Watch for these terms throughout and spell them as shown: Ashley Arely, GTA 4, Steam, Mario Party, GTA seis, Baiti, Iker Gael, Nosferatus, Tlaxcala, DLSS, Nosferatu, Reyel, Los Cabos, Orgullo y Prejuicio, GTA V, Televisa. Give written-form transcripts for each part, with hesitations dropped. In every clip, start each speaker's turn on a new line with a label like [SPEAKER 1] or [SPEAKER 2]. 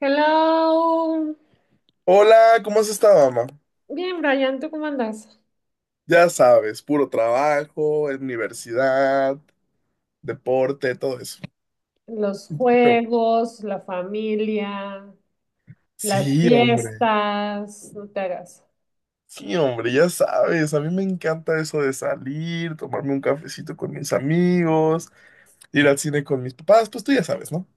[SPEAKER 1] Hello.
[SPEAKER 2] Hola, ¿cómo has estado, mamá?
[SPEAKER 1] Bien, Brian, ¿tú cómo andas?
[SPEAKER 2] Ya sabes, puro trabajo, universidad, deporte, todo eso.
[SPEAKER 1] Los
[SPEAKER 2] ¿Qué show?
[SPEAKER 1] juegos, la familia, las
[SPEAKER 2] Sí, hombre.
[SPEAKER 1] fiestas, no te hagas.
[SPEAKER 2] Sí, hombre, ya sabes, a mí me encanta eso de salir, tomarme un cafecito con mis amigos, ir al cine con mis papás, pues tú ya sabes, ¿no?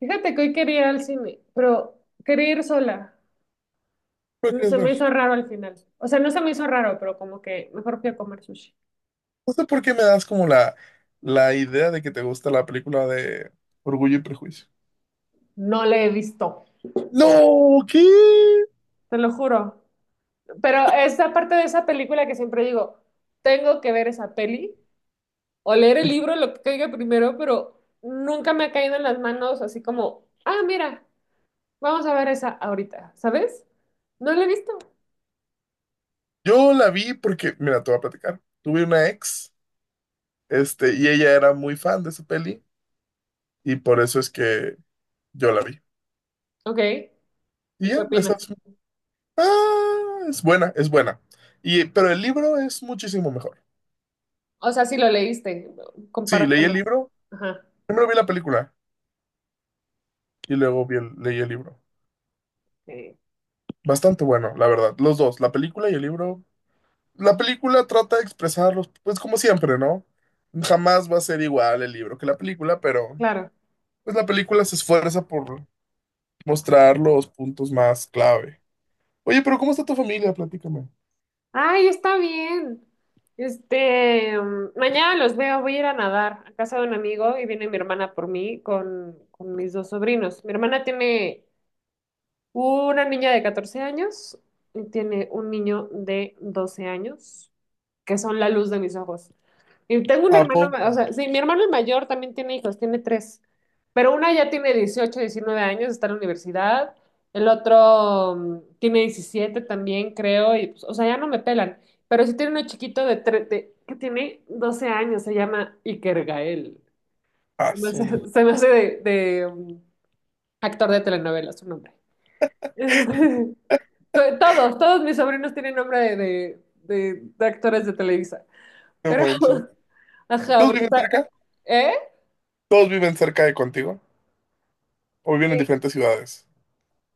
[SPEAKER 1] Fíjate que hoy quería ir al cine, pero quería ir sola.
[SPEAKER 2] ¿Qué quieres
[SPEAKER 1] Se me
[SPEAKER 2] ver?
[SPEAKER 1] hizo raro al final. O sea, no se me hizo raro, pero como que mejor fui a comer sushi.
[SPEAKER 2] No sé por qué me das como la idea de que te gusta la película de Orgullo y Prejuicio.
[SPEAKER 1] No le he visto,
[SPEAKER 2] No, ¿qué?
[SPEAKER 1] te lo juro. Pero es la parte de esa película que siempre digo, tengo que ver esa peli o leer el libro, lo que caiga primero, pero nunca me ha caído en las manos así como, ah, mira, vamos a ver esa ahorita, ¿sabes? No la he visto.
[SPEAKER 2] Yo la vi porque, mira, te voy a platicar. Tuve una ex. Y ella era muy fan de esa peli y por eso es que yo la vi.
[SPEAKER 1] Ok,
[SPEAKER 2] Y
[SPEAKER 1] ¿y qué
[SPEAKER 2] ya,
[SPEAKER 1] opinas?
[SPEAKER 2] esa es, es buena, es buena. Pero el libro es muchísimo mejor.
[SPEAKER 1] O sea, si lo leíste,
[SPEAKER 2] Sí, leí el
[SPEAKER 1] compáratelos.
[SPEAKER 2] libro,
[SPEAKER 1] Ajá,
[SPEAKER 2] primero vi la película y luego leí el libro.
[SPEAKER 1] sí,
[SPEAKER 2] Bastante bueno, la verdad. Los dos, la película y el libro. La película trata de expresarlos, pues como siempre, ¿no? Jamás va a ser igual el libro que la película, pero
[SPEAKER 1] claro.
[SPEAKER 2] pues la película se esfuerza por mostrar los puntos más clave. Oye, pero ¿cómo está tu familia? Platícame.
[SPEAKER 1] Ay, está bien. Mañana los veo, voy a ir a nadar a casa de un amigo y viene mi hermana por mí con mis dos sobrinos. Mi hermana tiene una niña de 14 años y tiene un niño de 12 años, que son la luz de mis ojos. Y tengo un
[SPEAKER 2] ¿A
[SPEAKER 1] hermano,
[SPEAKER 2] poco?
[SPEAKER 1] o sea, sí, mi hermano el mayor también tiene hijos, tiene tres, pero una ya tiene 18 19 años, está en la universidad, el otro tiene 17 también, creo, y pues, o sea, ya no me pelan, pero sí tiene uno chiquito que tiene 12 años, se llama Iker Gael.
[SPEAKER 2] Ah,
[SPEAKER 1] Se me hace, se me hace actor de telenovela su nombre. Todos mis sobrinos tienen nombre de actores de Televisa.
[SPEAKER 2] no
[SPEAKER 1] Pero,
[SPEAKER 2] manches. ¿Y
[SPEAKER 1] ajá,
[SPEAKER 2] todos
[SPEAKER 1] porque
[SPEAKER 2] viven
[SPEAKER 1] está...
[SPEAKER 2] cerca?
[SPEAKER 1] ¿Eh?
[SPEAKER 2] ¿Todos viven cerca de contigo? ¿O viven en diferentes ciudades?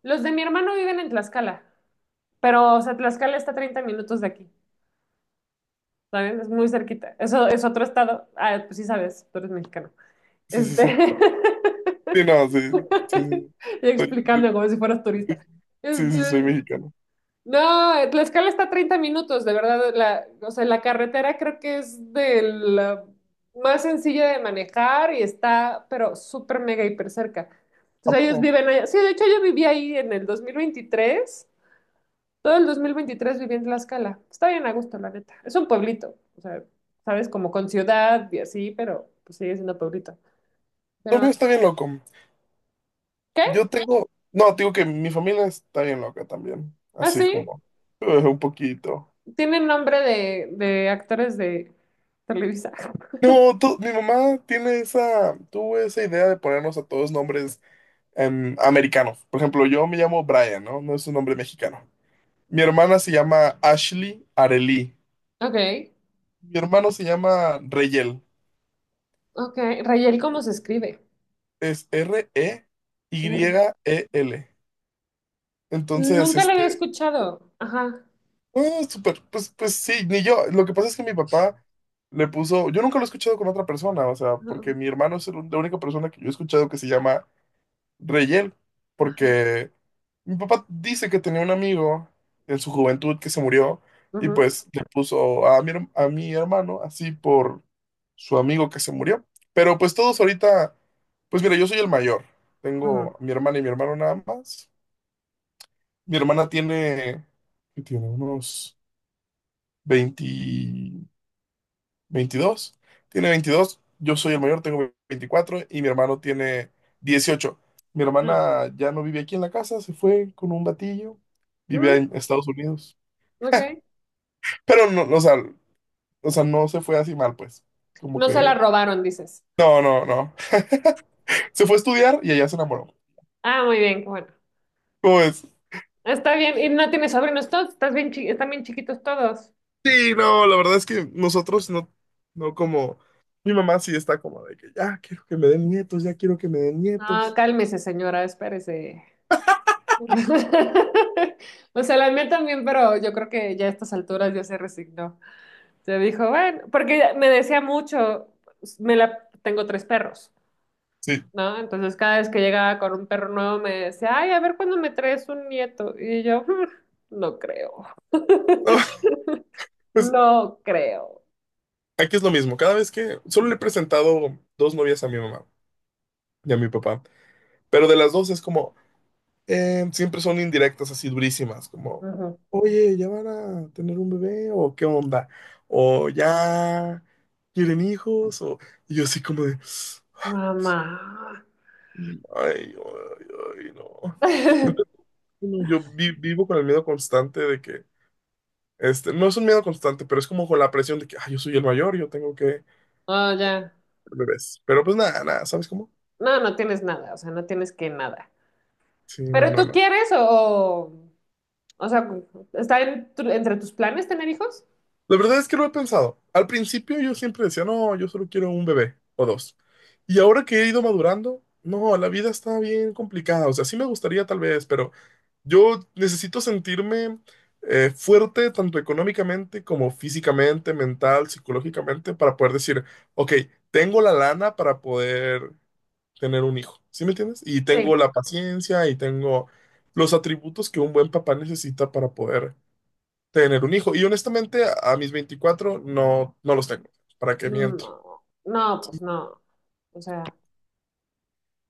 [SPEAKER 1] Los de mi hermano viven en Tlaxcala, pero, o sea, Tlaxcala está a 30 minutos de aquí, ¿sabes? Es muy cerquita. Eso es otro estado. Ah, pues sí sabes, tú eres mexicano.
[SPEAKER 2] Sí, sí,
[SPEAKER 1] Este...
[SPEAKER 2] sí. Sí, no, sí, sí, sí.
[SPEAKER 1] Y
[SPEAKER 2] Soy-
[SPEAKER 1] explicando
[SPEAKER 2] soy-
[SPEAKER 1] como si fueras turista.
[SPEAKER 2] sí,
[SPEAKER 1] Este...
[SPEAKER 2] sí, soy mexicano.
[SPEAKER 1] No, escala está a 30 minutos, de verdad. La, o sea, la carretera creo que es de la más sencilla de manejar y está, pero súper mega hiper cerca.
[SPEAKER 2] ¿A
[SPEAKER 1] Entonces
[SPEAKER 2] poco?
[SPEAKER 1] ellos viven allá. Sí, de hecho yo viví ahí en el 2023. Todo el 2023 viví en Tlaxcala. Está bien a gusto, la neta. Es un pueblito, o sea, sabes, como con ciudad y así, pero pues, sigue siendo pueblito.
[SPEAKER 2] Lo
[SPEAKER 1] Pero,
[SPEAKER 2] mío está bien loco. Yo tengo, no, te digo que mi familia está bien loca también.
[SPEAKER 1] ah,
[SPEAKER 2] Así
[SPEAKER 1] sí,
[SPEAKER 2] como, un poquito.
[SPEAKER 1] tiene nombre de actores de Televisa.
[SPEAKER 2] No, mi mamá tiene esa, tuvo esa idea de ponernos a todos nombres americanos. Por ejemplo, yo me llamo Brian, ¿no? No es un nombre mexicano. Mi hermana se llama Ashley Arely.
[SPEAKER 1] Ok,
[SPEAKER 2] Mi hermano se llama Reyel.
[SPEAKER 1] ok. Rayel, ¿cómo se escribe?
[SPEAKER 2] Es
[SPEAKER 1] R.
[SPEAKER 2] Reyel. Entonces,
[SPEAKER 1] Nunca lo había escuchado. Ajá.
[SPEAKER 2] ah, súper, pues, sí, ni yo. Lo que pasa es que mi papá le puso, yo nunca lo he escuchado con otra persona, o sea, porque mi hermano es la única persona que yo he escuchado que se llama Reyel,
[SPEAKER 1] Ajá.
[SPEAKER 2] porque mi papá dice que tenía un amigo en su juventud que se murió y
[SPEAKER 1] Ajá.
[SPEAKER 2] pues le puso a mi hermano así por su amigo que se murió. Pero pues todos ahorita, pues mira, yo soy el mayor.
[SPEAKER 1] Ajá.
[SPEAKER 2] Tengo a mi hermana y mi hermano nada más. Mi hermana tiene, ¿qué tiene? Unos 20. 22, tiene 22. Yo soy el mayor, tengo 24 y mi hermano tiene 18. Mi
[SPEAKER 1] Ajá.
[SPEAKER 2] hermana ya no vive aquí en la casa, se fue con un batillo. Vive
[SPEAKER 1] Mm,
[SPEAKER 2] en Estados Unidos.
[SPEAKER 1] ok.
[SPEAKER 2] Pero no, no, o sea, no se fue así mal, pues. Como
[SPEAKER 1] No se la
[SPEAKER 2] que...
[SPEAKER 1] robaron, dices.
[SPEAKER 2] No, no, no. Se fue a estudiar y allá se enamoró.
[SPEAKER 1] Ah, muy bien, bueno.
[SPEAKER 2] ¿Cómo ves?
[SPEAKER 1] Está bien. ¿Y no tienes sobrinos todos? ¿Están bien chiquitos todos?
[SPEAKER 2] Sí, no, la verdad es que nosotros no como... Mi mamá sí está como de que ya quiero que me den nietos, ya quiero que me den
[SPEAKER 1] No,
[SPEAKER 2] nietos.
[SPEAKER 1] cálmese, señora, espérese. O sea, la mía también, pero yo creo que ya a estas alturas ya se resignó. Se dijo, bueno, porque me decía mucho, me la, tengo tres perros.
[SPEAKER 2] Sí.
[SPEAKER 1] ¿No? Entonces cada vez que llegaba con un perro nuevo me decía, ay, a ver cuándo me traes un nieto. Y yo, "Mm, no creo,
[SPEAKER 2] No, pues,
[SPEAKER 1] no creo.
[SPEAKER 2] aquí es lo mismo, cada vez que solo le he presentado dos novias a mi mamá y a mi papá, pero de las dos es como, siempre son indirectas así durísimas, como,
[SPEAKER 1] Ujú.
[SPEAKER 2] oye, ¿ya van a tener un bebé o qué onda? O ya quieren hijos, o y yo así como de,
[SPEAKER 1] Mamá.
[SPEAKER 2] ay, ay, ay, no. Entonces, uno, yo vivo con el miedo constante de que, no es un miedo constante, pero es como con la presión de que, ay, yo soy el mayor, yo tengo que tener
[SPEAKER 1] Oh, ya.
[SPEAKER 2] bebés. Pero pues nada, nada, ¿sabes cómo?
[SPEAKER 1] No, no tienes nada, o sea, no tienes que nada.
[SPEAKER 2] Sí, no,
[SPEAKER 1] ¿Pero
[SPEAKER 2] no,
[SPEAKER 1] tú
[SPEAKER 2] no.
[SPEAKER 1] quieres o sea, está en entre tus planes tener hijos?
[SPEAKER 2] La verdad es que no lo he pensado. Al principio yo siempre decía, no, yo solo quiero un bebé o dos. Y ahora que he ido madurando, no, la vida está bien complicada. O sea, sí me gustaría tal vez, pero yo necesito sentirme fuerte tanto económicamente como físicamente, mental, psicológicamente, para poder decir, ok, tengo la lana para poder tener un hijo. ¿Sí me entiendes? Y tengo
[SPEAKER 1] Sí.
[SPEAKER 2] la paciencia y tengo los atributos que un buen papá necesita para poder tener un hijo. Y honestamente, mis 24 no los tengo. ¿Para qué miento?
[SPEAKER 1] No, no, pues
[SPEAKER 2] Sí,
[SPEAKER 1] no. O sea.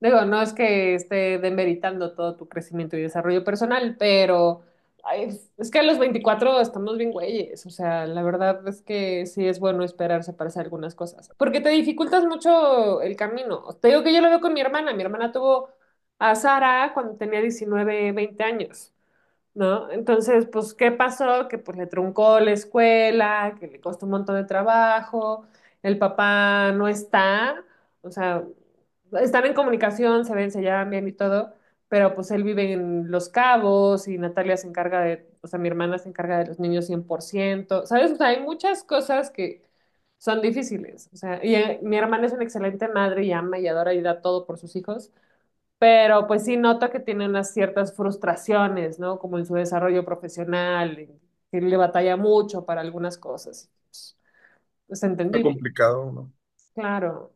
[SPEAKER 1] Digo, no es que esté demeritando todo tu crecimiento y desarrollo personal, pero ay, es que a los 24 estamos bien güeyes. O sea, la verdad es que sí es bueno esperarse para hacer algunas cosas, porque te dificultas mucho el camino. Te digo que yo lo veo con mi hermana. Mi hermana tuvo a Sara cuando tenía 19 20 años. ¿No? Entonces, pues, ¿qué pasó? Que pues le truncó la escuela, que le costó un montón de trabajo, el papá no está, o sea, están en comunicación, se ven, se llevan bien y todo, pero pues él vive en Los Cabos y Natalia se encarga de, o sea, mi hermana se encarga de los niños 100%, ¿sabes? O sea, hay muchas cosas que son difíciles, o sea, y mi hermana es una excelente madre y ama y adora y da todo por sus hijos, pero pues sí noto que tiene unas ciertas frustraciones, ¿no? Como en su desarrollo profesional, en que le batalla mucho para algunas cosas. Pues, es
[SPEAKER 2] está
[SPEAKER 1] entendible.
[SPEAKER 2] complicado, ¿no?
[SPEAKER 1] Claro,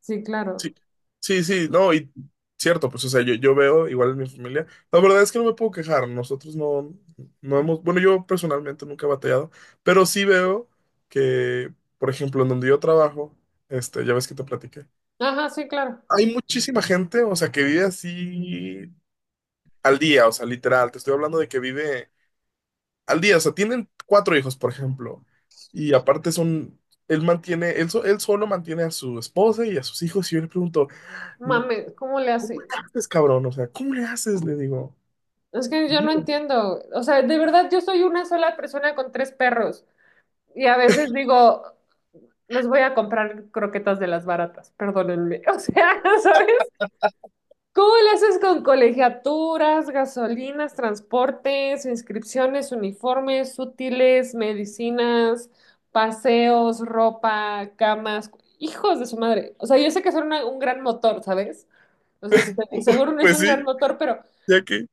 [SPEAKER 1] sí, claro.
[SPEAKER 2] Sí, sí, sí, no, y cierto, pues, o sea, yo veo igual en mi familia. La verdad es que no me puedo quejar. Nosotros no hemos, bueno, yo personalmente nunca he batallado, pero sí veo que, por ejemplo, en donde yo trabajo, ya ves que te platiqué.
[SPEAKER 1] Ajá, sí, claro.
[SPEAKER 2] Hay muchísima gente, o sea, que vive así al día, o sea, literal. Te estoy hablando de que vive al día, o sea, tienen cuatro hijos, por ejemplo, y aparte son, él mantiene, él solo mantiene a su esposa y a sus hijos, y yo le pregunto,
[SPEAKER 1] Mame, ¿cómo le
[SPEAKER 2] ¿cómo
[SPEAKER 1] hace?
[SPEAKER 2] le haces, cabrón? O sea, ¿cómo le haces? Le digo,
[SPEAKER 1] Es que yo no
[SPEAKER 2] "Dilo".
[SPEAKER 1] entiendo. O sea, de verdad, yo soy una sola persona con tres perros. Y a veces digo, les voy a comprar croquetas de las baratas, perdónenme. O sea, ¿sabes? ¿Cómo le haces con colegiaturas, gasolinas, transportes, inscripciones, uniformes, útiles, medicinas, paseos, ropa, camas? Hijos de su madre. O sea, yo sé que son un gran motor, ¿sabes? O sea, seguro no es
[SPEAKER 2] Pues
[SPEAKER 1] un
[SPEAKER 2] sí,
[SPEAKER 1] gran motor, pero
[SPEAKER 2] ya que,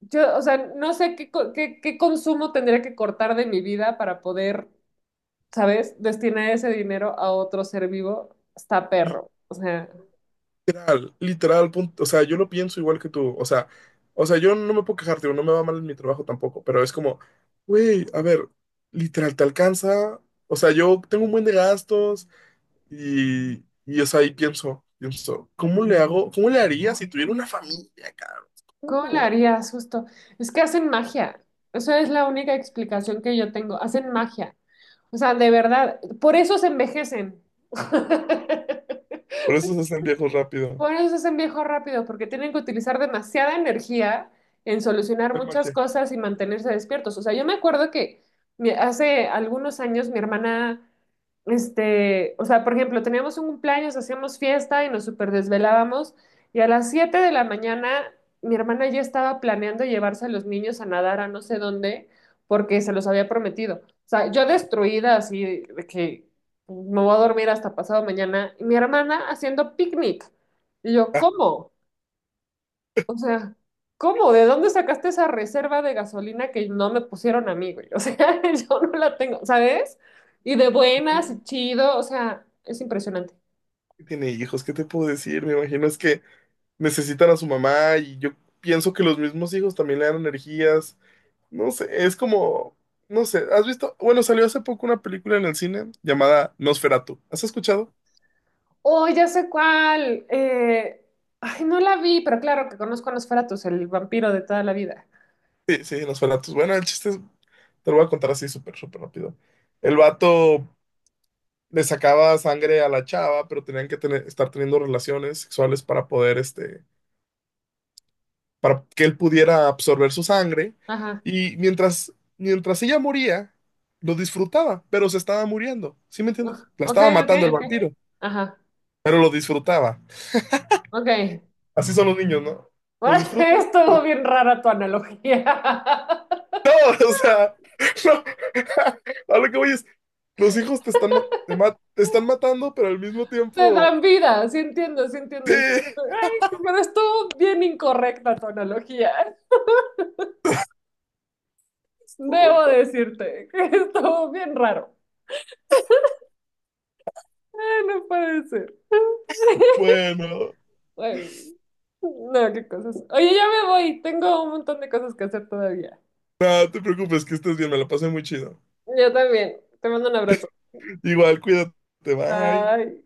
[SPEAKER 1] yo, o sea, no sé qué, qué consumo tendría que cortar de mi vida para poder, ¿sabes? Destinar ese dinero a otro ser vivo. Está perro. O sea.
[SPEAKER 2] literal, literal, punto, o sea, yo lo pienso igual que tú, o sea, yo no me puedo quejarte, no me va mal en mi trabajo tampoco, pero es como, güey, a ver, literal, te alcanza, o sea, yo tengo un buen de gastos, Y o sea, ahí pienso, ¿cómo le hago? ¿Cómo le haría si tuviera una familia, cabrón?
[SPEAKER 1] ¿Cómo le
[SPEAKER 2] ¿Cómo?
[SPEAKER 1] harías justo? Es que hacen magia. Eso es la única explicación que yo tengo. Hacen magia. O sea, de verdad, por eso se envejecen.
[SPEAKER 2] Por eso se hacen viejos rápido.
[SPEAKER 1] Por eso se envejecen rápido, porque tienen que utilizar demasiada energía en solucionar
[SPEAKER 2] El
[SPEAKER 1] muchas
[SPEAKER 2] Marche.
[SPEAKER 1] cosas y mantenerse despiertos. O sea, yo me acuerdo que hace algunos años mi hermana o sea, por ejemplo, teníamos un cumpleaños, hacíamos fiesta y nos super desvelábamos y a las 7 de la mañana mi hermana ya estaba planeando llevarse a los niños a nadar a no sé dónde porque se los había prometido. O sea, yo destruida así de que me voy a dormir hasta pasado mañana y mi hermana haciendo picnic. Y yo,
[SPEAKER 2] Ah,
[SPEAKER 1] ¿cómo? O sea, ¿cómo? ¿De dónde sacaste esa reserva de gasolina que no me pusieron a mí, güey? O sea, yo no la tengo, ¿sabes? Y de buenas
[SPEAKER 2] sí,
[SPEAKER 1] y chido, o sea, es impresionante.
[SPEAKER 2] tiene hijos, ¿qué te puedo decir? Me imagino es que necesitan a su mamá y yo pienso que los mismos hijos también le dan energías. No sé, es como, no sé, ¿has visto? Bueno, salió hace poco una película en el cine llamada Nosferatu. ¿Has escuchado?
[SPEAKER 1] Oh, ya sé cuál. Ay, no la vi, pero claro que conozco a Nosferatus, el vampiro de toda la vida.
[SPEAKER 2] Sí, sí, Nosferatu. Bueno, el chiste es, te lo voy a contar así súper, súper rápido. El vato le sacaba sangre a la chava, pero tenían que estar teniendo relaciones sexuales para poder, para que él pudiera absorber su sangre.
[SPEAKER 1] Ajá.
[SPEAKER 2] Y mientras ella moría, lo disfrutaba, pero se estaba muriendo. ¿Sí me
[SPEAKER 1] Ugh,
[SPEAKER 2] entiendes? La
[SPEAKER 1] ok,
[SPEAKER 2] estaba
[SPEAKER 1] ok,
[SPEAKER 2] matando el
[SPEAKER 1] ok.
[SPEAKER 2] vampiro,
[SPEAKER 1] Ajá.
[SPEAKER 2] pero lo disfrutaba.
[SPEAKER 1] Ok.
[SPEAKER 2] Así son los niños, ¿no? Lo disfrutan.
[SPEAKER 1] Estuvo bien rara tu analogía.
[SPEAKER 2] No, o sea, no. A lo que voy es, los hijos te están, ma- te están matando, pero al mismo
[SPEAKER 1] Te
[SPEAKER 2] tiempo...
[SPEAKER 1] dan vida, sí entiendo, sí
[SPEAKER 2] Sí,
[SPEAKER 1] entiendo. Sí, sí. Ay, pero estuvo bien incorrecta tu analogía. Debo
[SPEAKER 2] disculpa.
[SPEAKER 1] decirte que estuvo bien raro. Ay, no puede ser.
[SPEAKER 2] Bueno.
[SPEAKER 1] Bueno, no, qué cosas. Oye, ya me voy. Tengo un montón de cosas que hacer todavía.
[SPEAKER 2] No, te preocupes, que estés bien, me la pasé muy chido.
[SPEAKER 1] Yo también. Te mando un abrazo.
[SPEAKER 2] Igual, cuídate, bye.
[SPEAKER 1] Bye.